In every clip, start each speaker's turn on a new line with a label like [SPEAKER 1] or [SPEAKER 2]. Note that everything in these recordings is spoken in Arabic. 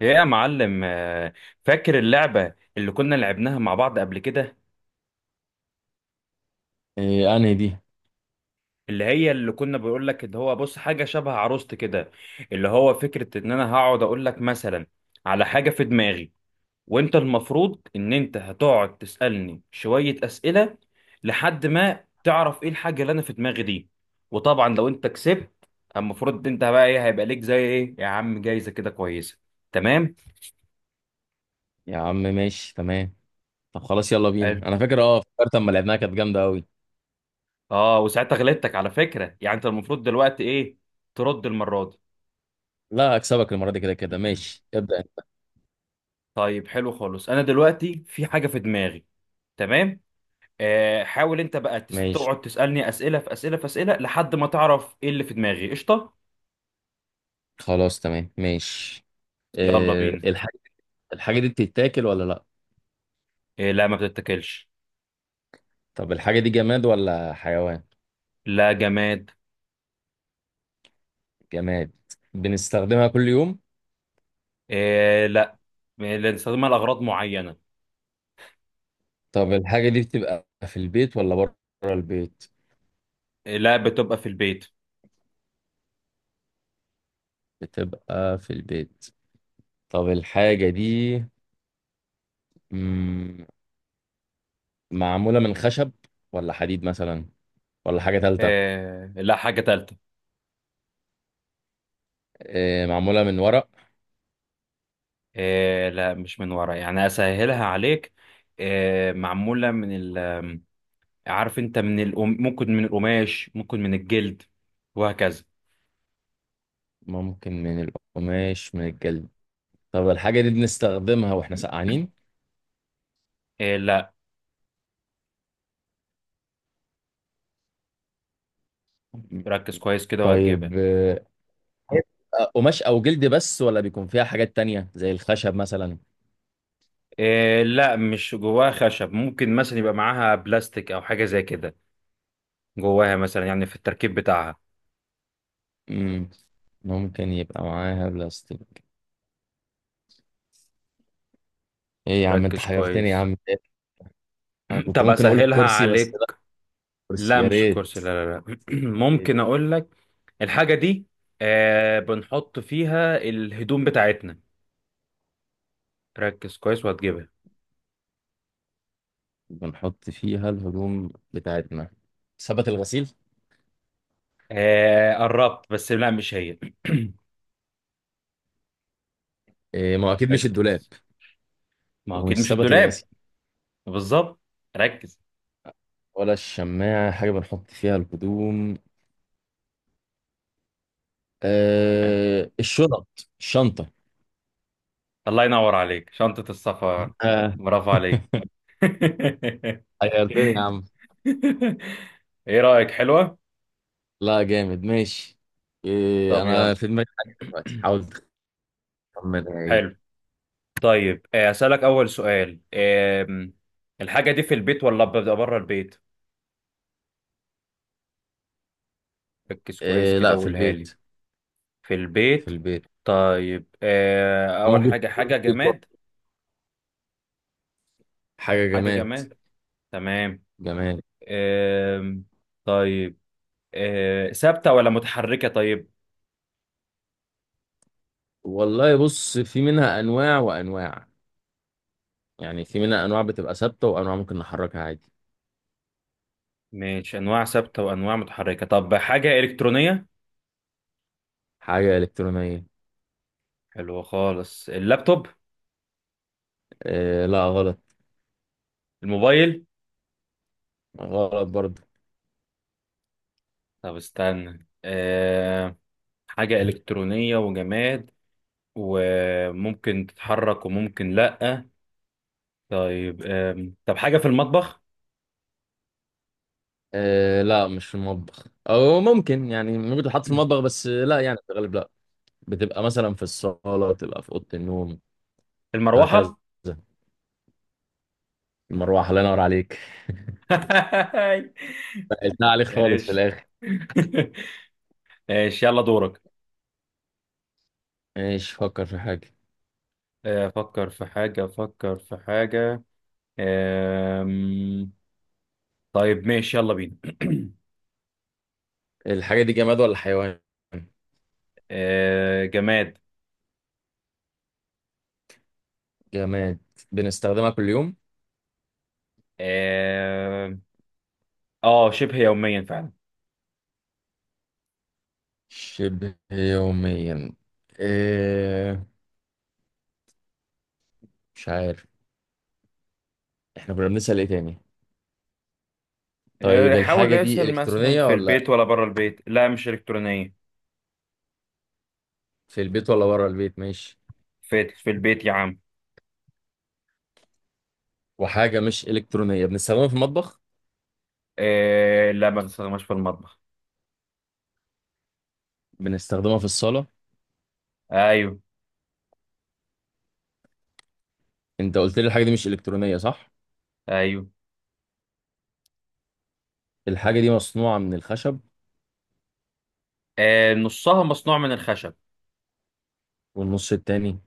[SPEAKER 1] يا معلم، فاكر اللعبة اللي كنا لعبناها مع بعض قبل كده؟
[SPEAKER 2] إيه انهي دي؟
[SPEAKER 1] اللي هي اللي كنا بقول لك، اللي هو بص، حاجة شبه عروست كده. اللي هو فكرة ان انا هقعد اقول لك مثلا على حاجة في دماغي، وانت المفروض ان انت هتقعد تسألني شوية أسئلة لحد ما تعرف ايه الحاجة اللي انا في دماغي دي. وطبعا لو انت كسبت، المفروض انت بقى ايه، هيبقى ليك زي ايه يا عم، جايزة كده كويسة، تمام؟
[SPEAKER 2] يا عم ماشي تمام. طب خلاص، يلا بينا. انا فاكر اه فكرت اما لعبناها كانت جامده قوي.
[SPEAKER 1] اه، وساعتها غلطتك على فكرة، يعني انت المفروض دلوقتي ايه، ترد المرة دي.
[SPEAKER 2] لا اكسبك المره دي، كده كده ماشي ابدا انت.
[SPEAKER 1] طيب، حلو خالص، انا دلوقتي في حاجة في دماغي، تمام. حاول انت بقى
[SPEAKER 2] ماشي
[SPEAKER 1] تقعد تسألني أسئلة في أسئلة في أسئلة لحد ما تعرف ايه اللي في دماغي، قشطة.
[SPEAKER 2] خلاص، تمام ماشي.
[SPEAKER 1] يلا
[SPEAKER 2] إيه
[SPEAKER 1] بينا.
[SPEAKER 2] الحاجه دي بتتاكل ولا لا؟
[SPEAKER 1] إيه، لا، ما بتتاكلش.
[SPEAKER 2] طب الحاجه دي جماد ولا حيوان؟
[SPEAKER 1] لا، جماد.
[SPEAKER 2] جماد. بنستخدمها كل يوم؟
[SPEAKER 1] إيه، لا لا، نستخدمها لأغراض معينة.
[SPEAKER 2] طب الحاجه دي بتبقى في البيت ولا بره البيت؟
[SPEAKER 1] إيه، لا، بتبقى في البيت.
[SPEAKER 2] بتبقى في البيت. طب الحاجه دي مم، معموله من خشب ولا حديد مثلا ولا حاجه ثالثه؟
[SPEAKER 1] إيه، لا، حاجة تالتة.
[SPEAKER 2] معمولة من ورق؟
[SPEAKER 1] إيه، لا، مش من ورا، يعني أسهلها عليك. إيه، معمولة من ال عارف انت، ممكن من القماش، ممكن من الجلد، وهكذا.
[SPEAKER 2] ممكن من القماش من الجلد. طب الحاجة دي بنستخدمها واحنا سقعانين؟
[SPEAKER 1] إيه، لا. ركز كويس كده وهتجيبها.
[SPEAKER 2] طيب قماش أو جلد بس ولا بيكون فيها حاجات تانية زي الخشب مثلا؟
[SPEAKER 1] إيه، لا، مش جواها خشب، ممكن مثلا يبقى معاها بلاستيك او حاجة زي كده، جواها مثلا، يعني في التركيب بتاعها.
[SPEAKER 2] مم. ممكن يبقى معاها بلاستيك. ايه يا عم، انت
[SPEAKER 1] ركز
[SPEAKER 2] حيرتني يا
[SPEAKER 1] كويس.
[SPEAKER 2] عم. انا كنت
[SPEAKER 1] طب
[SPEAKER 2] ممكن اقول
[SPEAKER 1] اسهلها
[SPEAKER 2] الكرسي بس لا.
[SPEAKER 1] عليك.
[SPEAKER 2] الكرسي
[SPEAKER 1] لا
[SPEAKER 2] يا
[SPEAKER 1] مش كرسي،
[SPEAKER 2] ريت.
[SPEAKER 1] لا لا لا. ممكن اقول لك الحاجة دي، بنحط فيها الهدوم بتاعتنا، ركز كويس وهتجيبها.
[SPEAKER 2] بنحط فيها الهدوم بتاعتنا. سبت الغسيل؟
[SPEAKER 1] آه، قربت، بس لا، مش هي.
[SPEAKER 2] إيه، ما هو اكيد مش الدولاب.
[SPEAKER 1] ركز. ما هو اكيد
[SPEAKER 2] ومش
[SPEAKER 1] مش
[SPEAKER 2] سبت الغسيل.
[SPEAKER 1] الدولاب. بالظبط. ركز.
[SPEAKER 2] ولا الشماعة، حاجة بنحط فيها الهدوم؟ آه الشنط، الشنطة.
[SPEAKER 1] الله ينور عليك، شنطة السفر.
[SPEAKER 2] آه،
[SPEAKER 1] برافو عليك.
[SPEAKER 2] غيرتني يا عم.
[SPEAKER 1] ايه رأيك، حلوة؟
[SPEAKER 2] لا جامد ماشي.
[SPEAKER 1] طب
[SPEAKER 2] أنا
[SPEAKER 1] يلا.
[SPEAKER 2] في دماغي حاجة دلوقتي، حاول تخمنها إيه.
[SPEAKER 1] حلو. طيب، أسألك أول سؤال. الحاجة دي في البيت ولا ببدأ بره البيت؟ ركز كويس
[SPEAKER 2] آه
[SPEAKER 1] كده
[SPEAKER 2] لا، في
[SPEAKER 1] وقولها
[SPEAKER 2] البيت.
[SPEAKER 1] لي. في
[SPEAKER 2] في
[SPEAKER 1] البيت.
[SPEAKER 2] البيت.
[SPEAKER 1] طيب، أول
[SPEAKER 2] وممكن
[SPEAKER 1] حاجة،
[SPEAKER 2] تكون في
[SPEAKER 1] حاجة
[SPEAKER 2] البيت
[SPEAKER 1] جماد.
[SPEAKER 2] برضه. حاجة
[SPEAKER 1] حاجة
[SPEAKER 2] جماد.
[SPEAKER 1] جماد، تمام.
[SPEAKER 2] جماد.
[SPEAKER 1] آم، طيب. ثابتة ولا متحركة؟ طيب،
[SPEAKER 2] والله بص، في منها أنواع وأنواع. يعني في منها أنواع بتبقى ثابتة وأنواع ممكن نحركها عادي.
[SPEAKER 1] ماشي، انواع ثابته وانواع متحركه. طب حاجه الكترونيه.
[SPEAKER 2] حاجة إلكترونية.
[SPEAKER 1] حلو خالص، اللابتوب.
[SPEAKER 2] آه لا غلط.
[SPEAKER 1] الموبايل.
[SPEAKER 2] غلط برضه.
[SPEAKER 1] طب استنى. حاجه الكترونيه، وجماد، وممكن تتحرك وممكن لا. طيب. طب حاجه في المطبخ؟
[SPEAKER 2] آه لا مش في المطبخ، أو ممكن يعني ممكن تحط في المطبخ بس لا يعني في الغالب لا. بتبقى مثلا في الصالة، بتبقى في أوضة النوم، هكذا.
[SPEAKER 1] المروحه.
[SPEAKER 2] المروحة، الله ينور عليك. سهلتها عليك خالص في
[SPEAKER 1] ماشي.
[SPEAKER 2] الآخر.
[SPEAKER 1] ماشي، يلا دورك.
[SPEAKER 2] ماشي، فكر في حاجة.
[SPEAKER 1] افكر في حاجه، افكر في حاجه. أم. طيب، ماشي، يلا بينا.
[SPEAKER 2] الحاجة دي جماد ولا حيوان؟
[SPEAKER 1] آه، جماد.
[SPEAKER 2] جماد. بنستخدمها كل يوم.
[SPEAKER 1] اه. آه، شبه يوميا فعلا.
[SPEAKER 2] شبه يوميا. إيه، مش عارف، احنا كنا بنسأل ايه تاني؟ طيب
[SPEAKER 1] آه، حاول
[SPEAKER 2] الحاجة دي
[SPEAKER 1] يسأل مثلا
[SPEAKER 2] إلكترونية
[SPEAKER 1] في
[SPEAKER 2] ولا؟
[SPEAKER 1] البيت ولا بره البيت، لا مش إلكترونية.
[SPEAKER 2] في البيت ولا بره البيت، ماشي.
[SPEAKER 1] في البيت يا عم.
[SPEAKER 2] وحاجة مش إلكترونية بنستخدمها في المطبخ؟
[SPEAKER 1] آه، لا، ما بستخدمهاش في المطبخ.
[SPEAKER 2] بنستخدمها في الصالة.
[SPEAKER 1] ايوه.
[SPEAKER 2] انت قلت لي الحاجة دي مش إلكترونية، صح؟
[SPEAKER 1] ايوه.
[SPEAKER 2] الحاجة دي مصنوعة من الخشب.
[SPEAKER 1] آه، نصها مصنوع من الخشب.
[SPEAKER 2] والنص التاني؟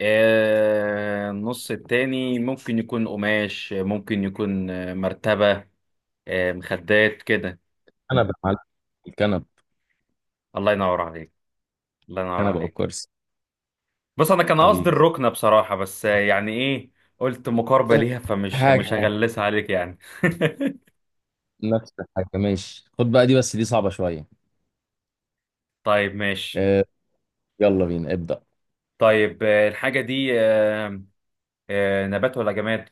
[SPEAKER 1] آه، النص التاني ممكن يكون قماش، ممكن يكون، مرتبة، آه، مخدات كده.
[SPEAKER 2] كنبة يا معلم. الكنبة.
[SPEAKER 1] الله ينور عليك. الله ينور
[SPEAKER 2] الكنبة أو
[SPEAKER 1] عليك.
[SPEAKER 2] الكرسي.
[SPEAKER 1] بص، انا كان قصدي
[SPEAKER 2] حبيبي.
[SPEAKER 1] الركنه بصراحه، بس يعني ايه، قلت مقاربه
[SPEAKER 2] نفس
[SPEAKER 1] ليها، فمش مش
[SPEAKER 2] الحاجة.
[SPEAKER 1] هغلسها عليك يعني.
[SPEAKER 2] نفس الحاجة، ماشي. خد بقى دي، بس دي صعبة شوية.
[SPEAKER 1] طيب، ماشي.
[SPEAKER 2] آه، يلا بينا ابدأ.
[SPEAKER 1] طيب، الحاجه دي، نبات ولا جماد؟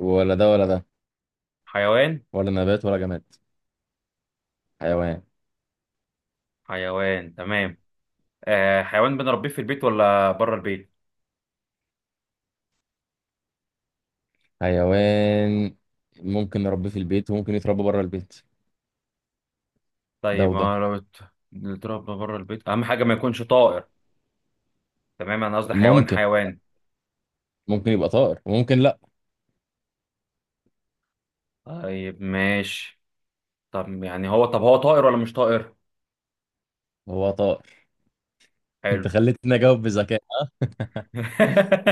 [SPEAKER 2] ولا ده ولا ده.
[SPEAKER 1] حيوان.
[SPEAKER 2] ولا نبات ولا جماد، حيوان.
[SPEAKER 1] حيوان، تمام. حيوان، بنربيه في البيت ولا بره البيت؟
[SPEAKER 2] حيوان. ممكن نربيه في البيت، وممكن يتربى بره البيت. ده
[SPEAKER 1] طيب،
[SPEAKER 2] وده.
[SPEAKER 1] ما لو بنتربى بره البيت، اهم حاجه ما يكونش طائر. تمام، انا قصدي حيوان
[SPEAKER 2] ممكن
[SPEAKER 1] حيوان.
[SPEAKER 2] ممكن يبقى طائر، وممكن لا.
[SPEAKER 1] طيب ماشي. طب هو طائر ولا مش طائر؟
[SPEAKER 2] هو طائر.
[SPEAKER 1] حلو.
[SPEAKER 2] انت خليتني اجاوب بذكاء.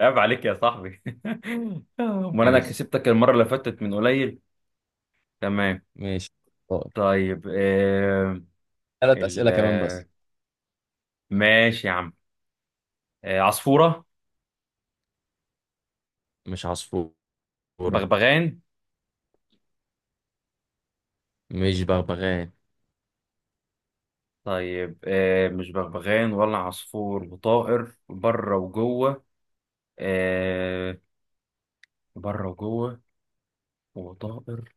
[SPEAKER 1] عيب عليك يا صاحبي. امال انا
[SPEAKER 2] ماشي،
[SPEAKER 1] كسبتك المره اللي فاتت من قليل. تمام.
[SPEAKER 2] ماشي. طائر.
[SPEAKER 1] طيب، آه
[SPEAKER 2] ثلاث
[SPEAKER 1] ال
[SPEAKER 2] أسئلة كمان
[SPEAKER 1] آه،
[SPEAKER 2] بس.
[SPEAKER 1] ماشي يا عم. آه، عصفوره.
[SPEAKER 2] مش عصفورة.
[SPEAKER 1] بغبغان.
[SPEAKER 2] مش بغبغان.
[SPEAKER 1] طيب، مش بغبغان ولا عصفور، وطائر بره وجوه. آه، بره وجوه، وطائر،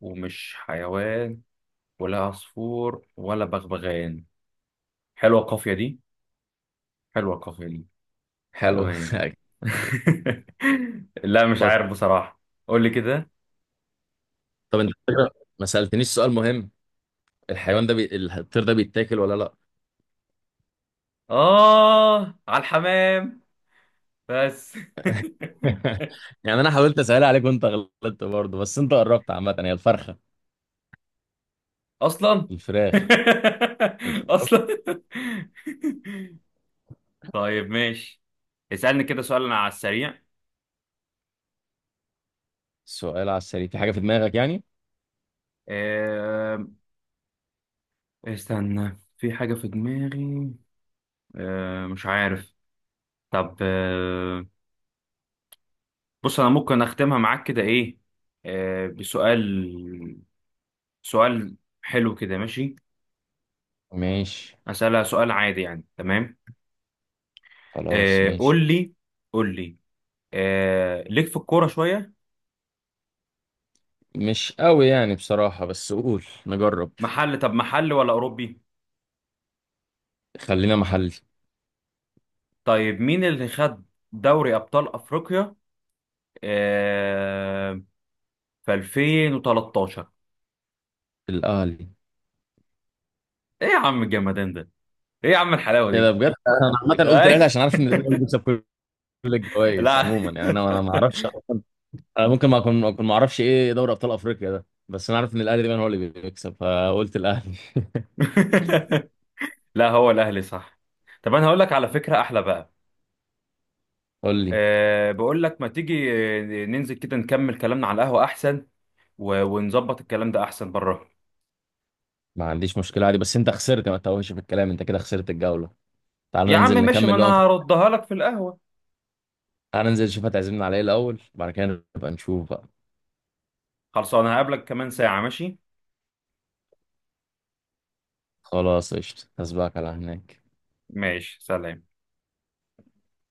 [SPEAKER 1] ومش حيوان، ولا عصفور ولا بغبغان. حلوه القافيه دي، حلوه القافيه دي.
[SPEAKER 2] حلو.
[SPEAKER 1] تمام. لا، مش
[SPEAKER 2] طب
[SPEAKER 1] عارف بصراحة. قول لي كده.
[SPEAKER 2] طب انت فكرة. ما سألتنيش سؤال مهم. الحيوان ده الطير ده بيتاكل ولا لا؟
[SPEAKER 1] آه، على الحمام بس.
[SPEAKER 2] يعني انا حاولت اسأل عليك وانت غلطت برضه، بس انت قربت. عامة هي الفرخة.
[SPEAKER 1] أصلا.
[SPEAKER 2] الفراخ. الف-
[SPEAKER 1] أصلا. طيب ماشي، اسألني كده سؤال أنا على السريع.
[SPEAKER 2] السؤال على السريع؟ في حاجة في دماغك يعني.
[SPEAKER 1] آه... استنى، في حاجة في دماغي. مش عارف. طب، بص، أنا ممكن أختمها معاك كده إيه، بسؤال، سؤال. حلو كده، ماشي.
[SPEAKER 2] ماشي،
[SPEAKER 1] أسألها سؤال عادي، يعني تمام.
[SPEAKER 2] خلاص
[SPEAKER 1] آه،
[SPEAKER 2] ماشي.
[SPEAKER 1] قول لي، قول لي. آه، ليك في الكورة شوية؟
[SPEAKER 2] مش قوي يعني بصراحة، بس قول نجرب.
[SPEAKER 1] طب محل ولا أوروبي؟
[SPEAKER 2] خلينا محلي.
[SPEAKER 1] طيب، مين اللي خد دوري أبطال أفريقيا آه في 2013؟
[SPEAKER 2] الأهلي.
[SPEAKER 1] إيه يا عم الجمدان ده، إيه يا عم الحلاوة
[SPEAKER 2] ايه ده
[SPEAKER 1] دي.
[SPEAKER 2] بجد. انا عامة قلت الأهلي
[SPEAKER 1] أي.
[SPEAKER 2] عشان عارف ان الأهلي هو اللي بيكسب كل الجوائز
[SPEAKER 1] لا.
[SPEAKER 2] عموما. يعني انا ما اعرفش. انا ممكن ما اكون ما اعرفش ايه دوري ابطال افريقيا ده، بس انا عارف ان الاهلي دايما هو اللي بيكسب فقلت الاهلي.
[SPEAKER 1] لا، هو الأهلي صح. طب أنا هقول لك على فكرة أحلى بقى.
[SPEAKER 2] قول لي.
[SPEAKER 1] بقول لك، ما تيجي ننزل كده نكمل كلامنا على القهوة أحسن، و... ونظبط الكلام ده احسن بره.
[SPEAKER 2] ما عنديش مشكله عادي، بس انت خسرت، ما تتوهش في الكلام، انت كده خسرت الجوله. تعال
[SPEAKER 1] يا عم
[SPEAKER 2] ننزل
[SPEAKER 1] ماشي، ما
[SPEAKER 2] نكمل
[SPEAKER 1] انا
[SPEAKER 2] بقى ونشوف.
[SPEAKER 1] هردها لك في القهوة.
[SPEAKER 2] تعال ننزل نشوف هتعزمنا على ايه الاول، بعد كده نبقى نشوف بقى.
[SPEAKER 1] خلصانه، هقابلك كمان ساعة، ماشي.
[SPEAKER 2] خلاص قشطه، هسبقك على هناك.
[SPEAKER 1] ماشي، سلام.